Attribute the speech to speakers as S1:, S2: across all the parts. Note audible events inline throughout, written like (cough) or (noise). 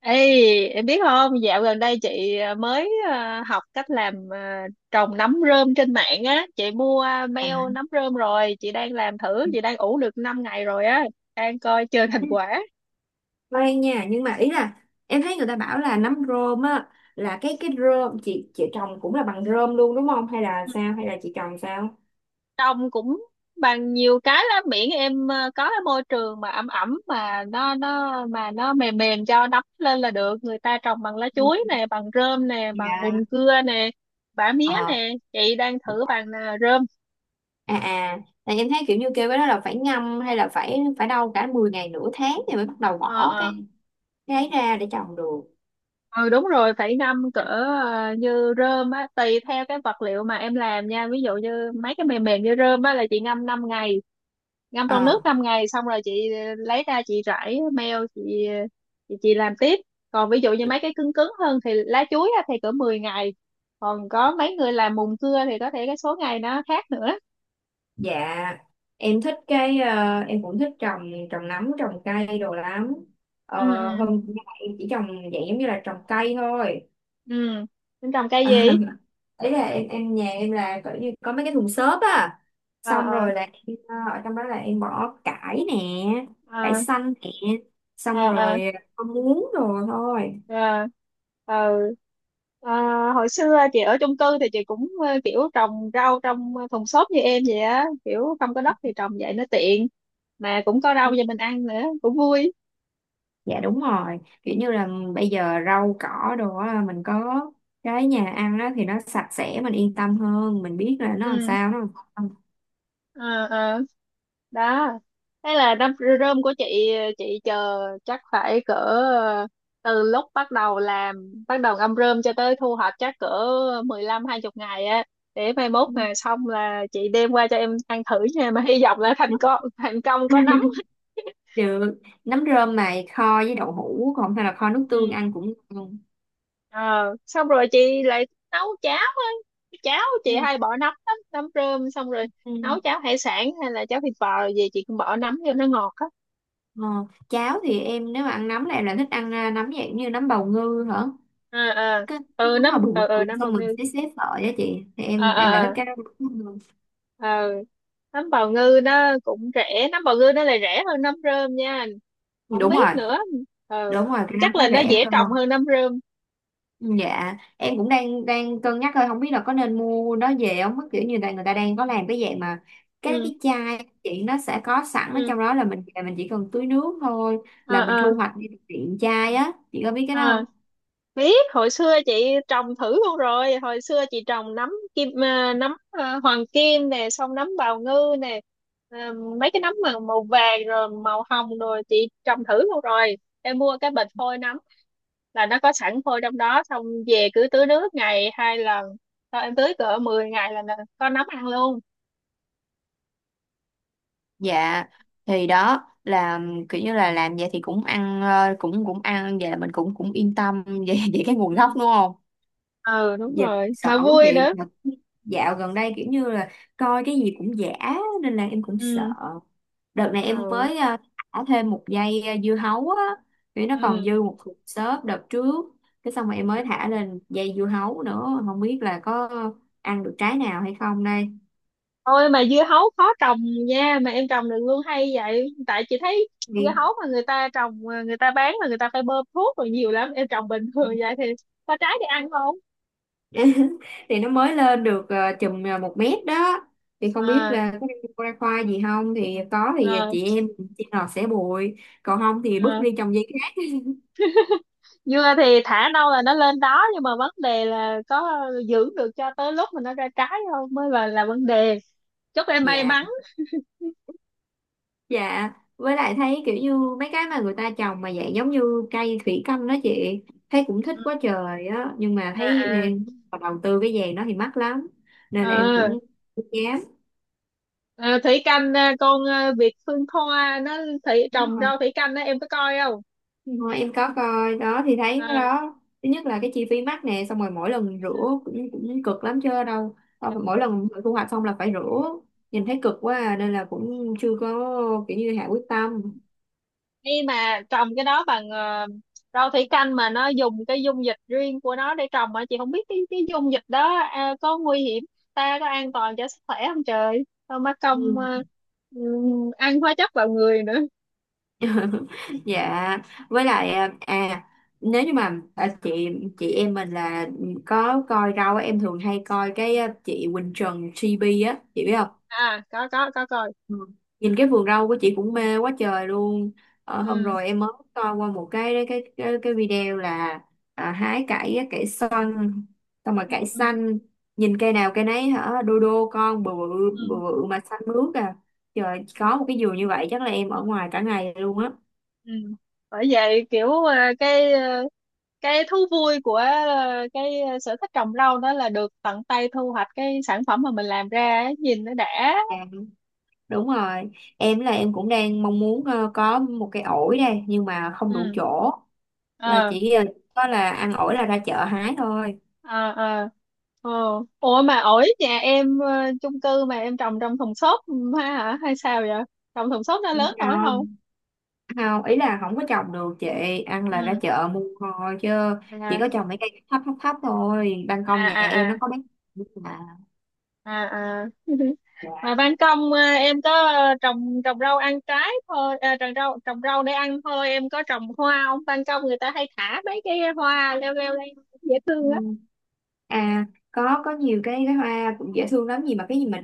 S1: Ê, em biết không, dạo gần đây chị mới học cách làm trồng nấm rơm trên mạng á, chị mua
S2: À.
S1: beo nấm rơm rồi, chị đang làm thử, chị đang ủ được 5 ngày rồi á, đang coi chờ thành quả.
S2: Khoan nha, nhưng mà ý là em thấy người ta bảo là nấm rơm á, là cái rơm chị trồng cũng là bằng rơm luôn đúng không, hay là sao, hay là chị trồng sao?
S1: Trồng cũng bằng nhiều cái lắm, miễn em có cái môi trường mà ẩm ẩm mà nó mềm mềm cho nấm lên là được. Người ta trồng bằng lá
S2: Ừ,
S1: chuối nè, bằng rơm nè, bằng
S2: dạ.
S1: mùng cưa nè, bã mía
S2: ờ
S1: nè, chị đang thử bằng rơm.
S2: à à Tại em thấy kiểu như kêu cái đó là phải ngâm, hay là phải phải đâu cả 10 ngày nửa tháng thì mới bắt đầu
S1: Ờ,
S2: bỏ
S1: ờ.
S2: cái ấy ra để trồng được.
S1: Ừ, đúng rồi, phải ngâm cỡ như rơm á, tùy theo cái vật liệu mà em làm nha. Ví dụ như mấy cái mềm mềm như rơm á là chị ngâm 5 ngày, ngâm trong nước
S2: ờ
S1: 5 ngày, xong rồi chị lấy ra, chị rải meo, chị làm tiếp. Còn ví dụ như mấy cái cứng cứng hơn thì lá chuối á, thì cỡ 10 ngày. Còn có mấy người làm mùn cưa thì có thể cái số ngày nó khác nữa.
S2: dạ, em thích em cũng thích trồng trồng nấm trồng cây đồ lắm. ờ
S1: Ừ, ừ,
S2: Hôm nay em chỉ trồng dạng giống như là trồng cây thôi.
S1: ừ. Tính trồng cây
S2: À,
S1: gì?
S2: ý là em nhà em là kiểu như có mấy cái thùng xốp á,
S1: Ờ,
S2: xong
S1: ờ,
S2: rồi là ở trong đó là em bỏ cải nè, cải
S1: ờ,
S2: xanh nè, xong
S1: ờ, ờ,
S2: rồi có muống rồi thôi.
S1: ờ, ờ. À, hồi xưa chị ở chung cư thì chị cũng kiểu trồng rau trong thùng xốp như em vậy á, kiểu không có đất thì trồng vậy nó tiện, mà cũng có rau cho mình ăn nữa cũng vui.
S2: Dạ đúng rồi, kiểu như là bây giờ rau cỏ đồ á, mình có cái nhà ăn á thì nó sạch sẽ, mình yên tâm hơn, mình biết là nó làm
S1: Ừ.
S2: sao nó làm không.
S1: Ờ, ờ. Đó, thế là đâm rơm của chị chờ chắc phải cỡ từ lúc bắt đầu làm, bắt đầu ngâm rơm cho tới thu hoạch chắc cỡ 15-20 ngày á, để mai mốt
S2: Ừ.
S1: mà xong là chị đem qua cho em ăn thử nha, mà hy vọng là thành công, thành công có nấm.
S2: (laughs)
S1: (laughs)
S2: Được. Nấm rơm mà kho với đậu hũ, còn hay là kho nước tương
S1: Ừ.
S2: ăn cũng ngon.
S1: Ờ, xong rồi chị lại nấu cháo á, cháo chị
S2: Ừ.
S1: hay bỏ nấm lắm, nấm rơm, xong rồi
S2: Ừ.
S1: nấu cháo hải sản hay là cháo thịt bò rồi gì chị cũng bỏ nấm cho nó ngọt á.
S2: Ờ, cháo thì em nếu mà ăn nấm là em lại thích ăn nấm dạng như nấm bào ngư hả?
S1: Ờ, ờ.
S2: Cái
S1: Ừ,
S2: nấm mà bự bự,
S1: nấm bào
S2: xong mình
S1: ngư.
S2: xé xé sợi á chị. Thì
S1: Ờ,
S2: em lại thích
S1: ờ,
S2: cái đó hơn.
S1: ờ, ờ. Nấm bào ngư nó cũng rẻ, nấm bào ngư nó lại rẻ hơn nấm rơm nha, không
S2: Đúng rồi,
S1: biết nữa. Ờ,
S2: đúng rồi, cái
S1: chắc
S2: nấm
S1: là
S2: nó
S1: nó
S2: rẻ
S1: dễ trồng
S2: hơn.
S1: hơn nấm rơm.
S2: Ừ, dạ, em cũng đang đang cân nhắc thôi, không biết là có nên mua nó về không. Kiểu như là người ta đang có làm cái dạng mà cái
S1: Ừ,
S2: cái chai chị, nó sẽ có sẵn ở
S1: ừ.
S2: trong đó, là mình về mình chỉ cần tưới nước thôi
S1: Ờ,
S2: là mình
S1: ờ,
S2: thu hoạch đi từ tiện chai á. Chị có biết cái đó không?
S1: ờ. Biết, hồi xưa chị trồng thử luôn rồi, hồi xưa chị trồng nấm hoàng kim nè, xong nấm bào ngư nè. À, mấy cái nấm mà màu vàng rồi màu hồng rồi chị trồng thử luôn rồi. Em mua cái bịch phôi nấm là nó có sẵn phôi trong đó, xong về cứ tưới nước ngày 2 lần, sau em tưới cỡ 10 ngày là có nấm ăn luôn.
S2: Dạ, thì đó là kiểu như là làm vậy thì cũng ăn, ờ, cũng cũng ăn vậy là mình cũng cũng yên tâm (laughs) về về cái nguồn gốc
S1: Ừ.
S2: đúng không?
S1: Ừ, đúng
S2: Dạ,
S1: rồi,
S2: sợ
S1: mà
S2: quá
S1: vui
S2: chị.
S1: nữa.
S2: Mà dạo gần đây kiểu như là coi cái gì cũng giả, nên là em cũng sợ.
S1: Ừ,
S2: Đợt này em
S1: ừ,
S2: mới thả thêm một dây dưa hấu á, vì nó còn
S1: ừ.
S2: dư một cục xớp đợt trước. Cái xong rồi em mới thả lên dây dưa hấu nữa, không biết là có ăn được trái nào hay không đây.
S1: Ôi, mà dưa hấu khó trồng nha, mà em trồng được luôn hay vậy, tại chị thấy dưa
S2: Đi.
S1: hấu mà người ta trồng người ta bán là người ta phải bơm thuốc rồi nhiều lắm, em trồng bình thường vậy thì có trái để ăn không?
S2: (laughs) Thì nó mới lên được chùm 1 mét đó, thì không biết
S1: À,
S2: là có ra khoa gì không, thì có thì
S1: à,
S2: chị em chị nào sẽ bụi, còn không thì bước
S1: à.
S2: đi trồng dây khác.
S1: Dưa thì thả đâu là nó lên đó, nhưng mà vấn đề là có giữ được cho tới lúc mà nó ra trái không mới là vấn đề. Chúc em may
S2: Dạ,
S1: mắn.
S2: dạ, với lại thấy kiểu như mấy cái mà người ta trồng mà dạng giống như cây thủy canh đó chị, thấy cũng thích
S1: Ừ.
S2: quá trời á, nhưng mà thấy
S1: À, à.
S2: nghe- mà đầu tư cái vàng đó thì mắc lắm, nên là em
S1: Ờ.
S2: cũng không dám.
S1: Ờ, thủy canh à, con à, Việt Phương Thoa nó
S2: Đúng
S1: trồng
S2: rồi.
S1: rau thủy canh đó em có coi không? Ừ.
S2: Ờ, em có coi đó, thì thấy
S1: À.
S2: cái đó thứ nhất là cái chi phí mắc nè, xong rồi mỗi lần rửa cũng cực lắm chứ đâu. Tao phải- mỗi lần thu hoạch xong là phải rửa, nhìn thấy cực quá à, nên là cũng chưa có kiểu như hạ quyết tâm.
S1: Khi mà trồng cái đó bằng rau thủy canh mà nó dùng cái dung dịch riêng của nó để trồng, mà chị không biết cái dung dịch đó à, có nguy hiểm ta, có an toàn cho sức khỏe không, trời không má công
S2: Ừ.
S1: ăn hóa chất vào người nữa.
S2: (laughs) Dạ, với lại nếu như mà chị em mình là có coi rau á, em thường hay coi cái chị Quỳnh Trần TV á chị biết không?
S1: À, có coi.
S2: Ừ. Nhìn cái vườn rau của chị cũng mê quá trời luôn. Ờ, hôm
S1: Ừ,
S2: rồi em mới coi qua một cái cái video là hái cải á, cải xoăn, xong rồi
S1: ừ,
S2: cải
S1: ừ,
S2: xanh, nhìn cây nào cây nấy hả đô đô con bự bự
S1: ừ,
S2: bự bự mà xanh mướt à. Trời,
S1: ừ,
S2: có một cái vườn như vậy chắc là em ở ngoài cả ngày luôn á.
S1: ừ. Bởi vậy kiểu cái thú vui của cái sở thích trồng rau đó là được tận tay thu hoạch cái sản phẩm mà mình làm ra ấy, nhìn nó đã.
S2: Dạ, đúng rồi. Em là em cũng đang mong muốn có một cái ổi đây, nhưng mà không đủ
S1: Ừ.
S2: chỗ. Là
S1: Ờ.
S2: chỉ có là ăn ổi là ra chợ hái thôi.
S1: Ờ, ờ, ờ, Ủa, mà ổi nhà em chung cư mà em trồng trong thùng xốp ha hả hay sao vậy? Trồng thùng xốp nó
S2: Đúng
S1: lớn nổi
S2: rồi,
S1: không?
S2: không, ý là không có trồng được chị, ăn là ra
S1: Ừ.
S2: chợ mua thôi, chứ chỉ
S1: À,
S2: có trồng mấy cây thấp thấp thấp thôi. Ban
S1: à,
S2: công nhà em nó
S1: à, à,
S2: có mấy mà
S1: à, à. (laughs)
S2: dạ.
S1: Mà ban công em có trồng trồng rau ăn trái thôi à, trồng rau để ăn thôi, em có trồng hoa không? Ban công người ta hay thả mấy cái hoa leo leo lên dễ thương á.
S2: Ừ. À có nhiều cái hoa cũng dễ thương lắm, gì mà cái gì mình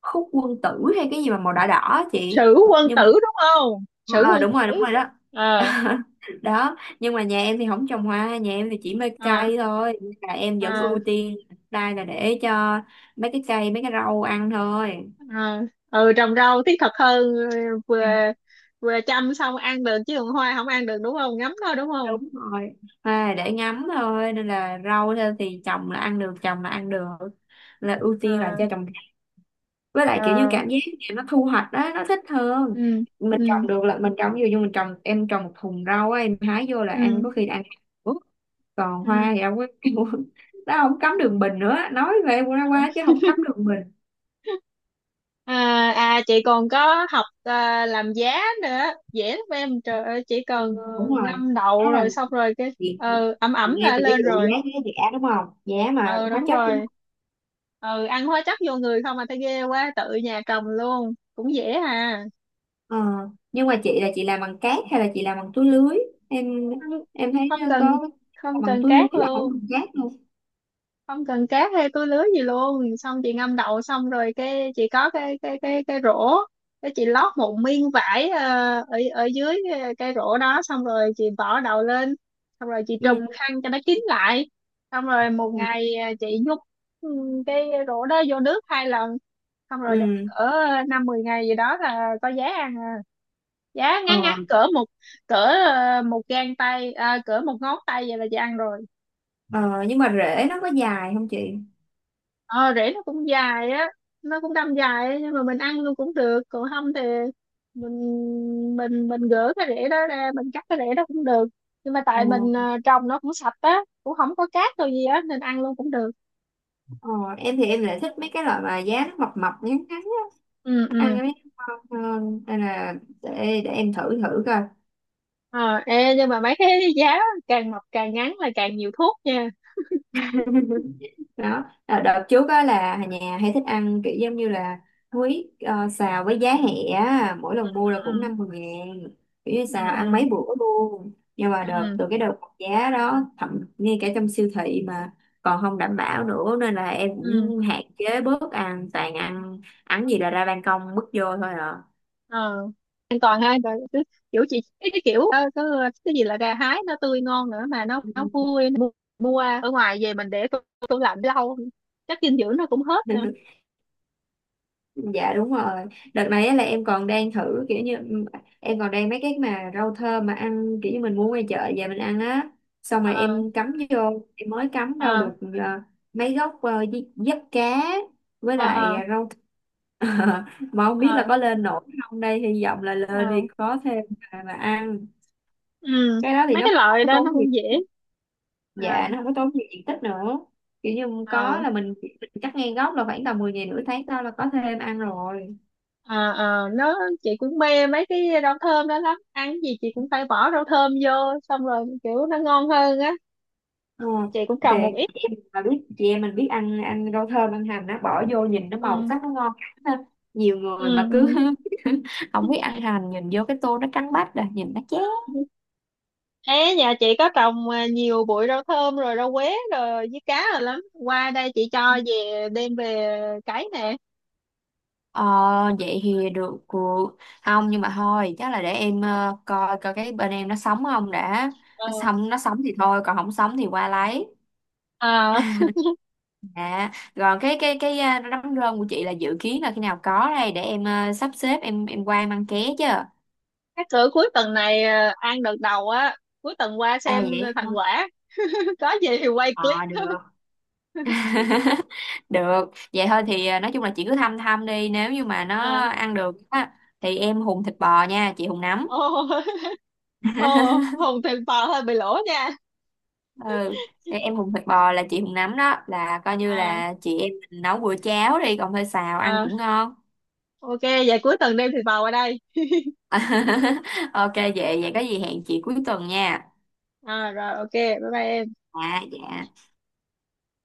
S2: khúc quân tử, hay cái gì mà màu đỏ đỏ á chị,
S1: Sử quân
S2: nhưng
S1: tử
S2: mà
S1: đúng không? Sử
S2: ờ
S1: quân
S2: đúng rồi,
S1: tử.
S2: đúng rồi đó.
S1: Ờ.
S2: (laughs) Đó nhưng mà nhà em thì không trồng hoa, nhà em thì chỉ mê
S1: À,
S2: cây thôi, nên là em vẫn ưu
S1: à,
S2: tiên đây là để cho mấy cái cây mấy cái rau ăn thôi.
S1: à. Ừ, trồng rau thiết thực hơn. Ừ, vừa vừa chăm xong ăn được, chứ còn hoa không ăn được đúng không, ngấm thôi đúng không.
S2: Đúng rồi, à, để ngắm thôi, nên là rau thôi, thì trồng là ăn được, trồng là ăn được là ưu tiên là
S1: À,
S2: cho trồng. Với lại kiểu như
S1: à.
S2: cảm giác thì nó thu hoạch đó nó thích hơn,
S1: Ừ,
S2: mình
S1: ừ,
S2: trồng được là mình trồng. Ví dụ như mình trồng, em trồng một thùng rau á, em hái vô là ăn,
S1: ừ,
S2: có khi ăn ủa, còn
S1: ừ.
S2: hoa thì đâu có. (laughs) Nó không cắm đường bình nữa, nói về qua qua chứ không cắm đường bình.
S1: À, à, chị còn có học làm giá nữa, dễ lắm em, trời ơi, chỉ
S2: Ừ,
S1: cần
S2: đúng rồi,
S1: ngâm
S2: đó
S1: đậu
S2: là
S1: rồi xong rồi cái
S2: việc.
S1: ẩm ẩm
S2: Nghe
S1: là
S2: từ cái
S1: lên
S2: vụ giá,
S1: rồi.
S2: cái giá đúng không, giá mà
S1: Ừ,
S2: hóa
S1: đúng
S2: chất.
S1: rồi. Ừ, ăn hóa chất vô người không mà thấy ghê quá, tự nhà trồng luôn cũng dễ hà.
S2: Ờ, nhưng mà chị là chị làm bằng cát hay là chị làm bằng túi lưới? em
S1: không
S2: em thấy
S1: không cần
S2: có
S1: không
S2: bằng
S1: cần
S2: túi lưới
S1: cát
S2: là không
S1: luôn,
S2: bằng cát luôn.
S1: không cần cát hay túi lứa gì luôn, xong chị ngâm đậu xong rồi cái chị có cái rổ, cái chị lót một miếng vải ở ở dưới cái rổ đó, xong rồi chị bỏ đậu lên, xong rồi chị trùm
S2: Ừ,
S1: khăn cho nó kín lại, xong rồi một
S2: ừ,
S1: ngày chị nhúng ừ, cái rổ đó vô nước 2 lần, xong rồi để
S2: ừ,
S1: cỡ 5-10 ngày gì đó là có giá ăn. Giá
S2: ờ,
S1: ngắn ngắn cỡ một, cỡ 1 gang tay à, cỡ 1 ngón tay vậy là chị ăn rồi.
S2: ờ. Nhưng mà rễ nó có dài không chị?
S1: Ờ, rễ nó cũng dài á. Nó cũng đâm dài á, nhưng mà mình ăn luôn cũng được, còn không thì mình mình gỡ cái rễ đó ra, mình cắt cái rễ đó cũng được, nhưng mà tại mình
S2: Ờ,
S1: trồng nó cũng sạch á, cũng không có cát đâu gì á nên ăn luôn cũng được.
S2: ờ, em thì em lại thích mấy cái loại mà giá nó mập mập ngắn ngắn á,
S1: Ừ,
S2: ăn
S1: ừ.
S2: mấy cái ngon hơn, nên là để em thử thử coi.
S1: Ờ. Ê, nhưng mà mấy cái giá càng mọc càng ngắn là càng nhiều thuốc nha.
S2: (laughs) Đó à, đợt trước á là nhà hay thích ăn kiểu giống như là húy xào với giá hẹ á. Mỗi lần mua là
S1: Ừ,
S2: cũng 50.000, kiểu như
S1: ừ,
S2: xào ăn
S1: ừ,
S2: mấy bữa luôn. Nhưng mà đợt
S1: ừ,
S2: từ cái đợt giá đó thậm ngay cả trong siêu thị mà còn không đảm bảo nữa, nên là em
S1: ừ.
S2: cũng hạn chế bớt ăn, toàn ăn ăn gì là ra ban công bước vô thôi à.
S1: Ờ, an toàn ha, rồi cứ kiểu chị cái kiểu cái gì là gà hái nó tươi ngon nữa, mà nó
S2: Ừ.
S1: nó vui, mua ở ngoài về mình để tủ, lạnh lâu chắc dinh dưỡng nó cũng hết nữa.
S2: (laughs) Dạ đúng rồi. Đợt này á là em còn đang thử kiểu như ừ, em còn đang mấy cái mà rau thơm mà ăn kiểu như mình mua ngoài chợ về mình ăn á. Xong rồi
S1: Ờ,
S2: em cắm vô, em mới cắm đâu
S1: ờ,
S2: được ờ, mấy gốc giấp cá, với
S1: ờ,
S2: lại
S1: ờ,
S2: rau th- (laughs) mà không biết là
S1: ờ,
S2: có lên nổi không đây, hy vọng là
S1: ờ.
S2: lên thì
S1: Ờ.
S2: có thêm mà ăn.
S1: Ừ,
S2: Cái đó thì
S1: mấy
S2: nó
S1: cái
S2: cũng không
S1: loại
S2: có
S1: đó nó
S2: tốn gì.
S1: cũng dễ.
S2: Dạ
S1: Ờ,
S2: nó không có tốn gì diện tích nữa. Kiểu như
S1: ờ,
S2: có là mình cắt ngang gốc là khoảng tầm 10 ngày nửa tháng sau là có thêm ăn rồi.
S1: ờ, ờ. Nó, chị cũng mê mấy cái rau thơm đó lắm, ăn cái gì chị cũng phải bỏ rau thơm vô, xong rồi kiểu nó ngon hơn á.
S2: Ờ,
S1: Chị cũng
S2: thì
S1: trồng một ít.
S2: chị em mà biết, chị em mình biết ăn ăn rau thơm ăn hành, nó bỏ vô nhìn nó màu
S1: Ừ,
S2: sắc nó ngon ha. Nhiều người mà cứ
S1: ừ,
S2: (laughs) không biết ăn hành, nhìn vô cái tô nó trắng bách rồi nhìn nó chán.
S1: ừ. (laughs) Ê, nhà chị có trồng nhiều bụi rau thơm rồi, rau quế rồi với cá rồi lắm. Qua đây chị cho về, đem về cấy nè.
S2: Ờ, vậy thì được cuộc không, nhưng mà thôi chắc là để em coi coi cái bên em nó sống không đã.
S1: Ờ.
S2: Nó sống, nó sống thì thôi, còn không sống thì qua lấy.
S1: Ờ,
S2: (laughs) À, còn cái à, đám rơm của chị là dự kiến là khi nào có đây để em sắp xếp em qua em ăn ké chứ.
S1: các cửa cuối tuần này à, ăn đợt đầu á, cuối tuần qua
S2: À
S1: xem
S2: vậy
S1: thành
S2: hả?
S1: quả. (laughs) Có gì thì quay
S2: Ờ
S1: clip.
S2: được. (laughs) Được. Vậy thôi thì à, nói chung là chị cứ thăm thăm đi, nếu như mà nó
S1: À.
S2: ăn được á thì em hùn thịt bò nha, chị hùn nấm.
S1: Ô. (laughs) Ô,
S2: (laughs)
S1: Hùng thịt bò (laughs) hơi bị lỗ nha.
S2: Ừ. Thì em hùn thịt bò là chị hùn nấm đó, là coi như
S1: À,
S2: là chị em mình nấu bữa cháo đi, còn hơi xào ăn
S1: à,
S2: cũng ngon.
S1: ok, vậy cuối tuần đem thịt bò qua đây.
S2: (laughs) Ok, vậy vậy có gì hẹn chị cuối tuần nha.
S1: À, rồi ok, bye bye em.
S2: À dạ.